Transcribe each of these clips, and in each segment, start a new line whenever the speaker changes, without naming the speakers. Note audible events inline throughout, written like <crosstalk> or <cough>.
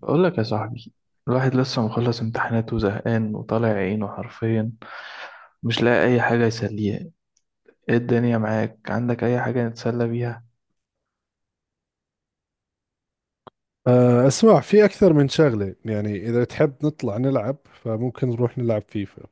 بقول لك يا صاحبي، الواحد لسه مخلص امتحانات وزهقان وطالع عينه حرفيا. مش لاقي اي حاجه يسليه. ايه الدنيا معاك؟ عندك اي حاجه نتسلى بيها؟
اسمع، في اكثر من شغله. يعني اذا تحب نطلع نلعب، فممكن نروح نلعب فيفا.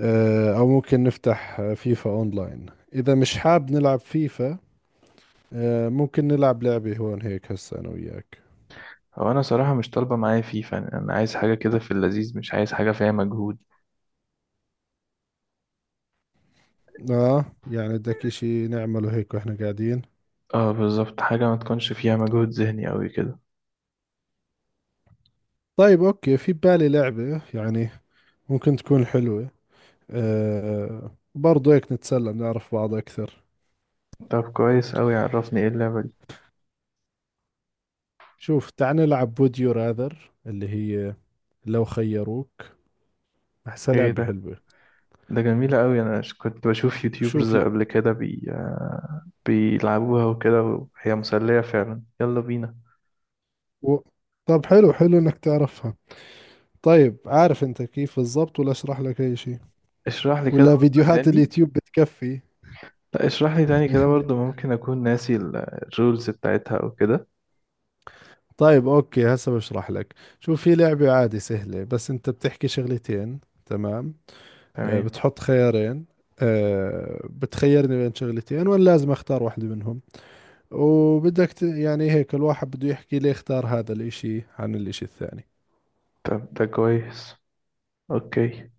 او ممكن نفتح فيفا اونلاين اذا مش حاب نلعب فيفا. ممكن نلعب لعبه هون هيك هسه انا وياك.
هو انا صراحه مش طالبه معايا فيفا. انا عايز حاجه كده في اللذيذ، مش عايز حاجه فيها مجهود.
اه يعني بدك اشي نعمله هيك واحنا قاعدين.
اه، بالظبط. حاجه ما تكونش فيها مجهود ذهني قوي كده.
طيب اوكي، في بالي لعبه، يعني ممكن تكون حلوه. برضو هيك نتسلى، نعرف بعض اكثر.
طب كويس قوي، عرفني ايه اللعبه دي.
شوف، تعال نلعب ووديو راذر، اللي هي لو خيروك. احسها
ايه
لعبه
ده؟
حلوه.
ده جميله قوي. انا كنت بشوف يوتيوبرز
شوف ال-
قبل كده بيلعبوها وكده، وهي مسليه فعلا. يلا بينا.
و... طب حلو حلو انك تعرفها. طيب عارف انت كيف بالضبط، ولا اشرح لك اي شيء؟
اشرح لي كده
ولا
واحدة
فيديوهات
تاني.
اليوتيوب بتكفي؟
لا، اشرح لي تاني كده برضو.
<laughs>
ممكن اكون ناسي الرولز بتاعتها او كده.
طيب اوكي، هسه بشرح لك. شوف، في لعبة عادي سهلة، بس انت بتحكي شغلتين. تمام؟
تمام.
بتحط خيارين. بتخيرني بين شغلتين وانا لازم اختار واحدة منهم. يعني هيك الواحد بده يحكي ليه اختار هذا الاشي عن الاشي الثاني.
طب ده كويس، اوكي.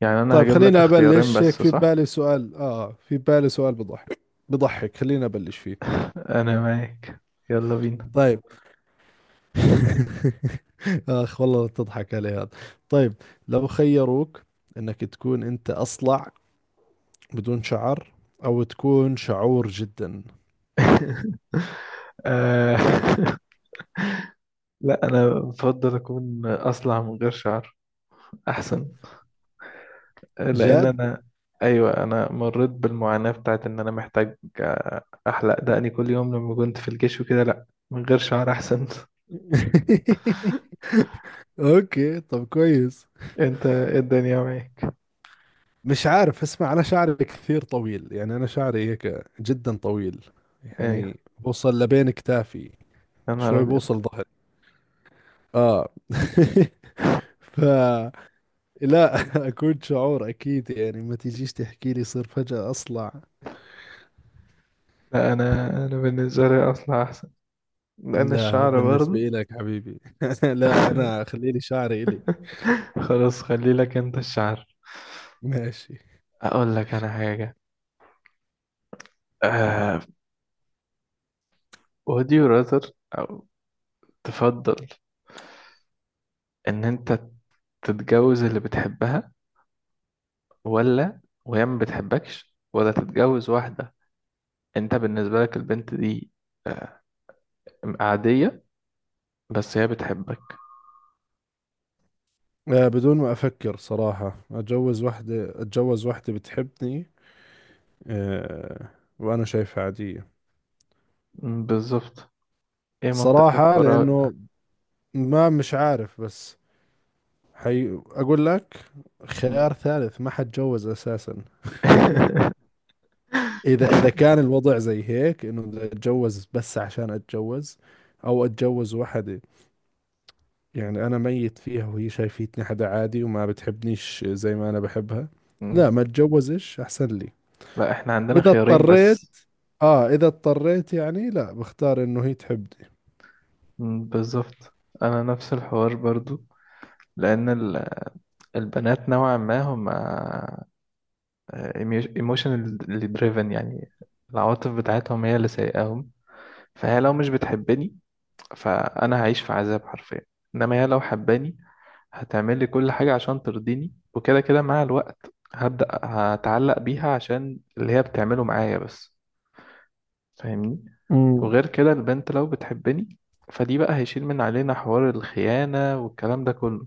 يعني انا
طيب
هجيب
خليني
لك اختيارين
أبلش. هيك
بس،
في
صح؟
بالي سؤال، في بالي سؤال بضحك، بضحك. خليني أبلش فيه.
<laughs> انا معاك، يلا بينا.
طيب. <laughs> آخ والله تضحك علي هذا. طيب، لو خيروك إنك تكون أنت أصلع، بدون شعر، أو تكون شعور جدا.
<laughs> آه، <laughs> لا، انا بفضل اكون اصلع من غير شعر. احسن. لان
جد؟
انا ايوه، انا مريت بالمعاناة بتاعت ان انا محتاج احلق دقني كل يوم لما كنت في الجيش وكده. لا، من غير شعر احسن. <laughs>
<laughs> أوكي طب كويس.
انت إيه الدنيا معاك؟
مش عارف، اسمع، أنا شعري كثير طويل. يعني أنا شعري هيك جدا طويل،
ايوه،
يعني بوصل لبين كتافي.
يا نهار
شوي
أبيض.
بوصل ظهري. آه. <laughs> فلا. <laughs> أكون شعور أكيد. يعني ما تجيش تحكي لي صير فجأة أصلع.
لا، أنا بالنسبة لي أصلا أحسن. لأن
لا هذا
الشعر
بالنسبة
برضه.
لك حبيبي. <laughs> لا أنا خليلي شعري إلي.
<laughs> خلاص، خلي لك أنت الشعر.
ماشي.
أقول لك أنا حاجة، آه would you rather، أو تفضل إن أنت تتجوز اللي بتحبها، ولا وهي ما بتحبكش؟ ولا تتجوز واحدة أنت بالنسبة لك البنت دي آه عادية، بس هي بتحبك؟
بدون ما أفكر صراحة، أتجوز وحدة، أتجوز وحدة بتحبني. آه، وأنا شايفها عادية.
بالظبط. إيه منطقك
صراحة
وراء
لأنه،
ده؟
ما مش عارف، بس حي أقول لك، خيار ثالث ما حتجوز أساسا. <laughs> إذا كان الوضع زي هيك إنه بدي أتجوز بس عشان أتجوز، أو أتجوز وحدة يعني أنا ميت فيها وهي شايفتني حدا عادي وما بتحبنيش زي ما أنا بحبها،
م.
لا
<laughs>
ما أتجوزش أحسن لي.
لا، احنا عندنا
إذا
خيارين
اضطريت،
بس.
آه إذا اضطريت يعني، لا بختار إنه هي تحبني.
بالظبط. انا نفس الحوار برضو. لان البنات نوعا ما هم ايموشنالي دريفن، يعني العواطف بتاعتهم هي اللي سايقاهم. فهي لو مش بتحبني فانا هعيش في عذاب حرفيا. انما هي لو حباني هتعمل لي كل حاجة عشان ترضيني، وكده كده مع الوقت هبدأ هتعلق بيها عشان اللي هي بتعمله معايا بس. فاهمني؟
امم.
وغير كده، البنت لو بتحبني فدي بقى هيشيل من علينا حوار الخيانة والكلام ده كله.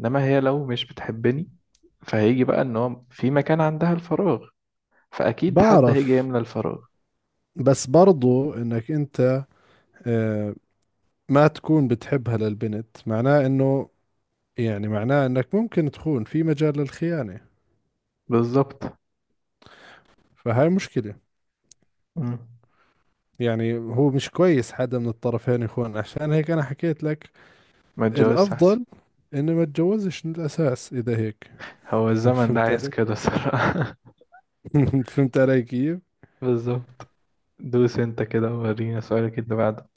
انما هي لو مش بتحبني فهيجي بقى ان هو في مكان عندها الفراغ، فاكيد حد هيجي
بعرف،
يملى الفراغ.
بس برضو إنك أنت آه ما تكون بتحبها للبنت، معناه إنه، يعني معناه إنك ممكن تخون، في مجال للخيانة.
بالظبط.
فهاي مشكلة.
مم.
يعني هو مش كويس حدا من الطرفين يخون، عشان هيك أنا حكيت لك
ما اتجوزش احسن.
الأفضل إني ما اتجوزش من الأساس إذا هيك.
هو الزمن ده
فهمت
عايز
علي؟
كده صراحة.
<laughs> فهمت علي كيف؟
<laughs> بالظبط. دوس انت كده ورينا سؤالك اللي بعده.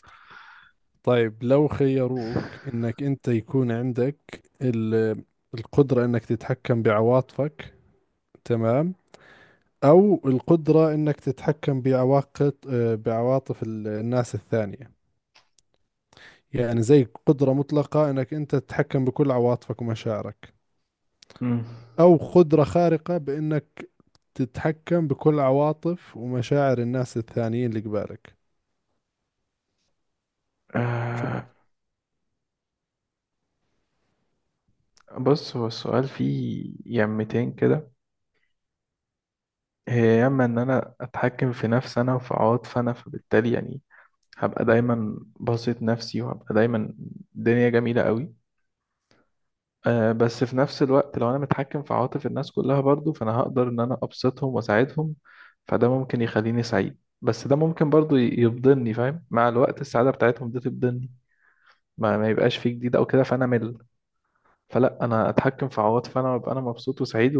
طيب لو خيروك إنك أنت يكون عندك ال- القدرة إنك تتحكم بعواطفك، تمام؟ أو القدرة إنك تتحكم بعواقب بعواطف الناس الثانية. يعني زي قدرة مطلقة إنك أنت تتحكم بكل عواطفك ومشاعرك،
مم.
أو قدرة خارقة بإنك تتحكم بكل عواطف ومشاعر الناس الثانيين اللي قبالك. شوف.
آه بص، هو السؤال فيه يمتين كده. هي اما ان انا اتحكم في نفسي انا وفي عواطفي انا، فبالتالي يعني هبقى دايما باسط نفسي، وهبقى دايما الدنيا جميلة قوي. بس في نفس الوقت لو انا متحكم في عواطف الناس كلها برضو، فانا هقدر ان انا ابسطهم واساعدهم. فده ممكن يخليني سعيد، بس ده ممكن برضو يفضلني فاهم، مع الوقت السعادة بتاعتهم دي تفضلني، ما يبقاش فيه جديد او كده، فانا مل. فلا، انا اتحكم في عواطفي انا وابقى انا مبسوط وسعيد،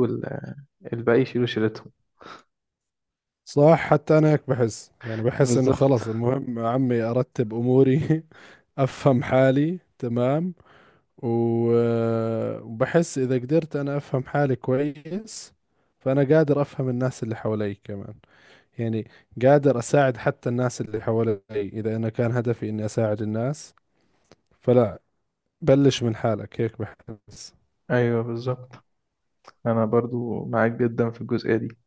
والباقي يشيلوا شيلتهم.
صح، حتى انا هيك بحس، يعني بحس انه خلص،
بالظبط.
المهم يا عمي ارتب اموري، <laughs> افهم حالي تمام. وبحس اذا قدرت انا افهم حالي كويس، فانا قادر افهم الناس اللي حوالي كمان. يعني قادر اساعد حتى الناس اللي حوالي اذا انا كان هدفي اني اساعد الناس. فلا، بلش من حالك هيك بحس.
ايوه، بالظبط. انا برضو معاك جدا في الجزئية دي.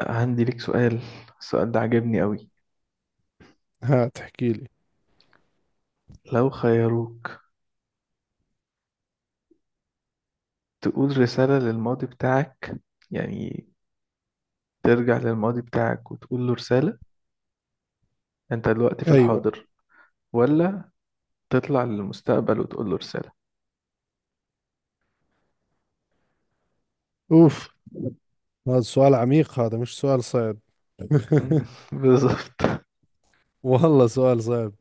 عندي ليك سؤال، السؤال ده عجبني قوي.
ها تحكي لي.
لو خيروك، تقول رسالة للماضي بتاعك، يعني ترجع للماضي بتاعك وتقول له رسالة، انت دلوقتي في
ايوه.
الحاضر، ولا تطلع للمستقبل وتقول له رسالة؟
اوف، هذا سؤال عميق، هذا مش سؤال صعب.
مم،
<laughs>
<laughs> بالظبط.
والله سؤال صعب.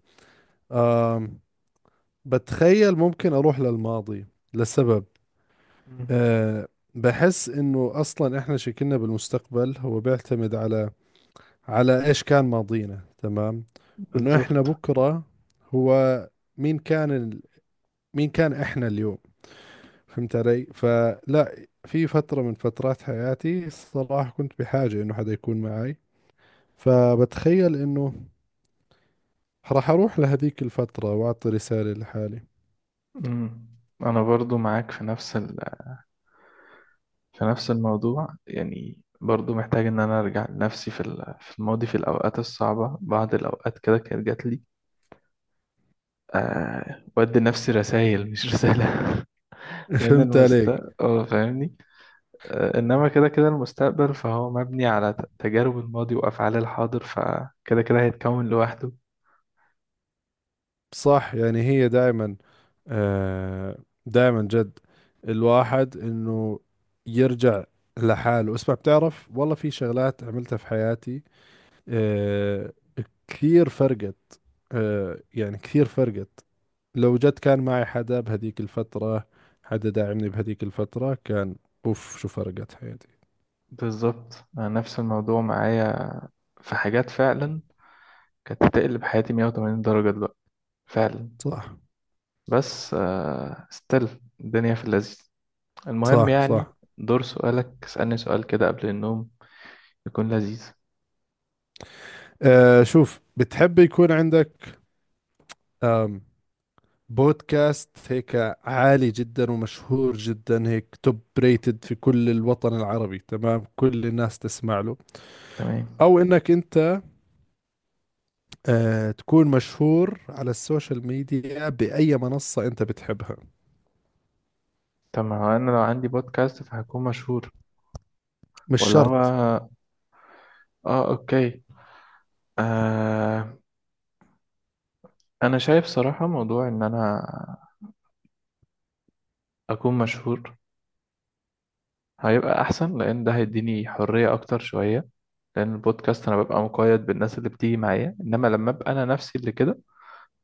آم، بتخيل ممكن أروح للماضي لسبب.
مم،
أه، بحس إنه أصلا إحنا شكلنا بالمستقبل هو بيعتمد على، على إيش كان ماضينا، تمام. وإنه إحنا
بالظبط.
بكرة هو مين كان ال... مين كان إحنا اليوم. فهمت علي؟ فلا، في فترة من فترات حياتي صراحة كنت بحاجة إنه حدا يكون معي. فبتخيل إنه راح أروح لهذيك الفترة وأعطي رسالة لحالي.
مم. انا برضو معاك في نفس في نفس الموضوع. يعني برضو محتاج ان انا ارجع لنفسي في في الماضي، في الاوقات الصعبة، بعض الاوقات كده كانت جات لي. بدي نفسي رسائل، مش رسالة. <laughs>
<laughs>
لأن
فهمت عليك.
المستقبل فاهمني. إنما كده كده المستقبل فهو مبني على تجارب الماضي وأفعال الحاضر، فكده كده هيتكون لوحده.
صح، يعني هي دائما، آه دائما، جد الواحد إنه يرجع لحاله. اسمع، بتعرف والله في شغلات عملتها في حياتي، آه، كثير فرقت، آه يعني كثير فرقت. لو جد كان معي حدا بهذيك الفترة، حدا داعمني بهذيك الفترة، كان أوف شو فرقت حياتي.
بالظبط. أنا نفس الموضوع معايا. في حاجات فعلا كانت تقلب حياتي 180 درجة دلوقتي فعلا.
صح.
بس استل الدنيا في اللذيذ، المهم
صح
يعني.
صح.
دور سؤالك، اسألني سؤال كده قبل النوم يكون لذيذ.
آه شوف، بتحب يكون عندك بودكاست هيك عالي جدا ومشهور جدا، هيك توب ريتد في كل الوطن العربي، تمام، كل الناس تسمع له،
تمام.
او انك انت آه تكون مشهور على السوشيال ميديا باي منصة انت بتحبها؟
طب ما هو انا لو عندي بودكاست فهكون مشهور؟
مش
ولا
شرط.
هو، اه، اوكي. آه انا شايف صراحة موضوع ان انا اكون مشهور هيبقى احسن. لان ده هيديني حرية اكتر شوية. لان البودكاست انا ببقى مقيد بالناس اللي بتيجي معايا، انما لما ابقى انا نفسي اللي كده،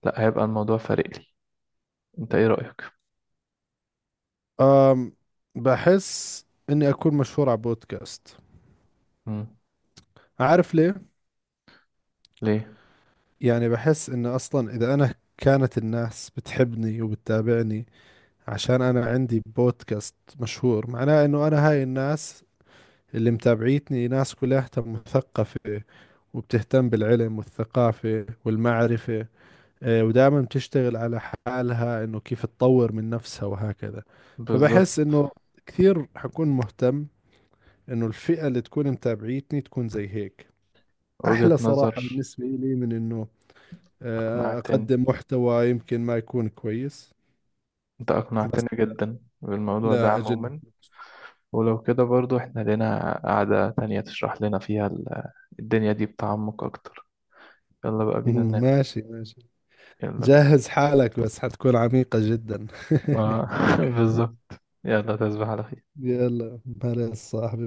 لا، هيبقى الموضوع فارق لي. انت ايه رأيك؟
آم، بحس اني اكون مشهور على بودكاست.
مم.
عارف ليه؟
ليه؟
يعني بحس انه اصلا اذا انا كانت الناس بتحبني وبتتابعني عشان انا عندي بودكاست مشهور، معناه انه انا هاي الناس اللي متابعيتني ناس كلها مثقفة وبتهتم بالعلم والثقافة والمعرفة. ودائما بتشتغل على حالها انه كيف تطور من نفسها وهكذا.
بالظبط،
فبحس انه كثير حكون مهتم انه الفئة اللي تكون متابعيتني تكون زي هيك.
وجهة
احلى صراحة
نظر.
بالنسبة لي من انه
اقنعتني،
اقدم محتوى يمكن ما يكون كويس.
انت
بس
اقنعتني جدا بالموضوع ده
لا اجل.
عموما. ولو كده برضو احنا لنا قعدة تانية تشرح لنا فيها الدنيا دي بتعمق اكتر. يلا بقى بينا
<laughs>
ننام.
ماشي ماشي.
يلا بينا.
جهز حالك بس حتكون عميقة جدا. <laughs>
آه، <laughs> بالظبط. يلا، تصبح على خير.
يلا. هلا يا صاحبي.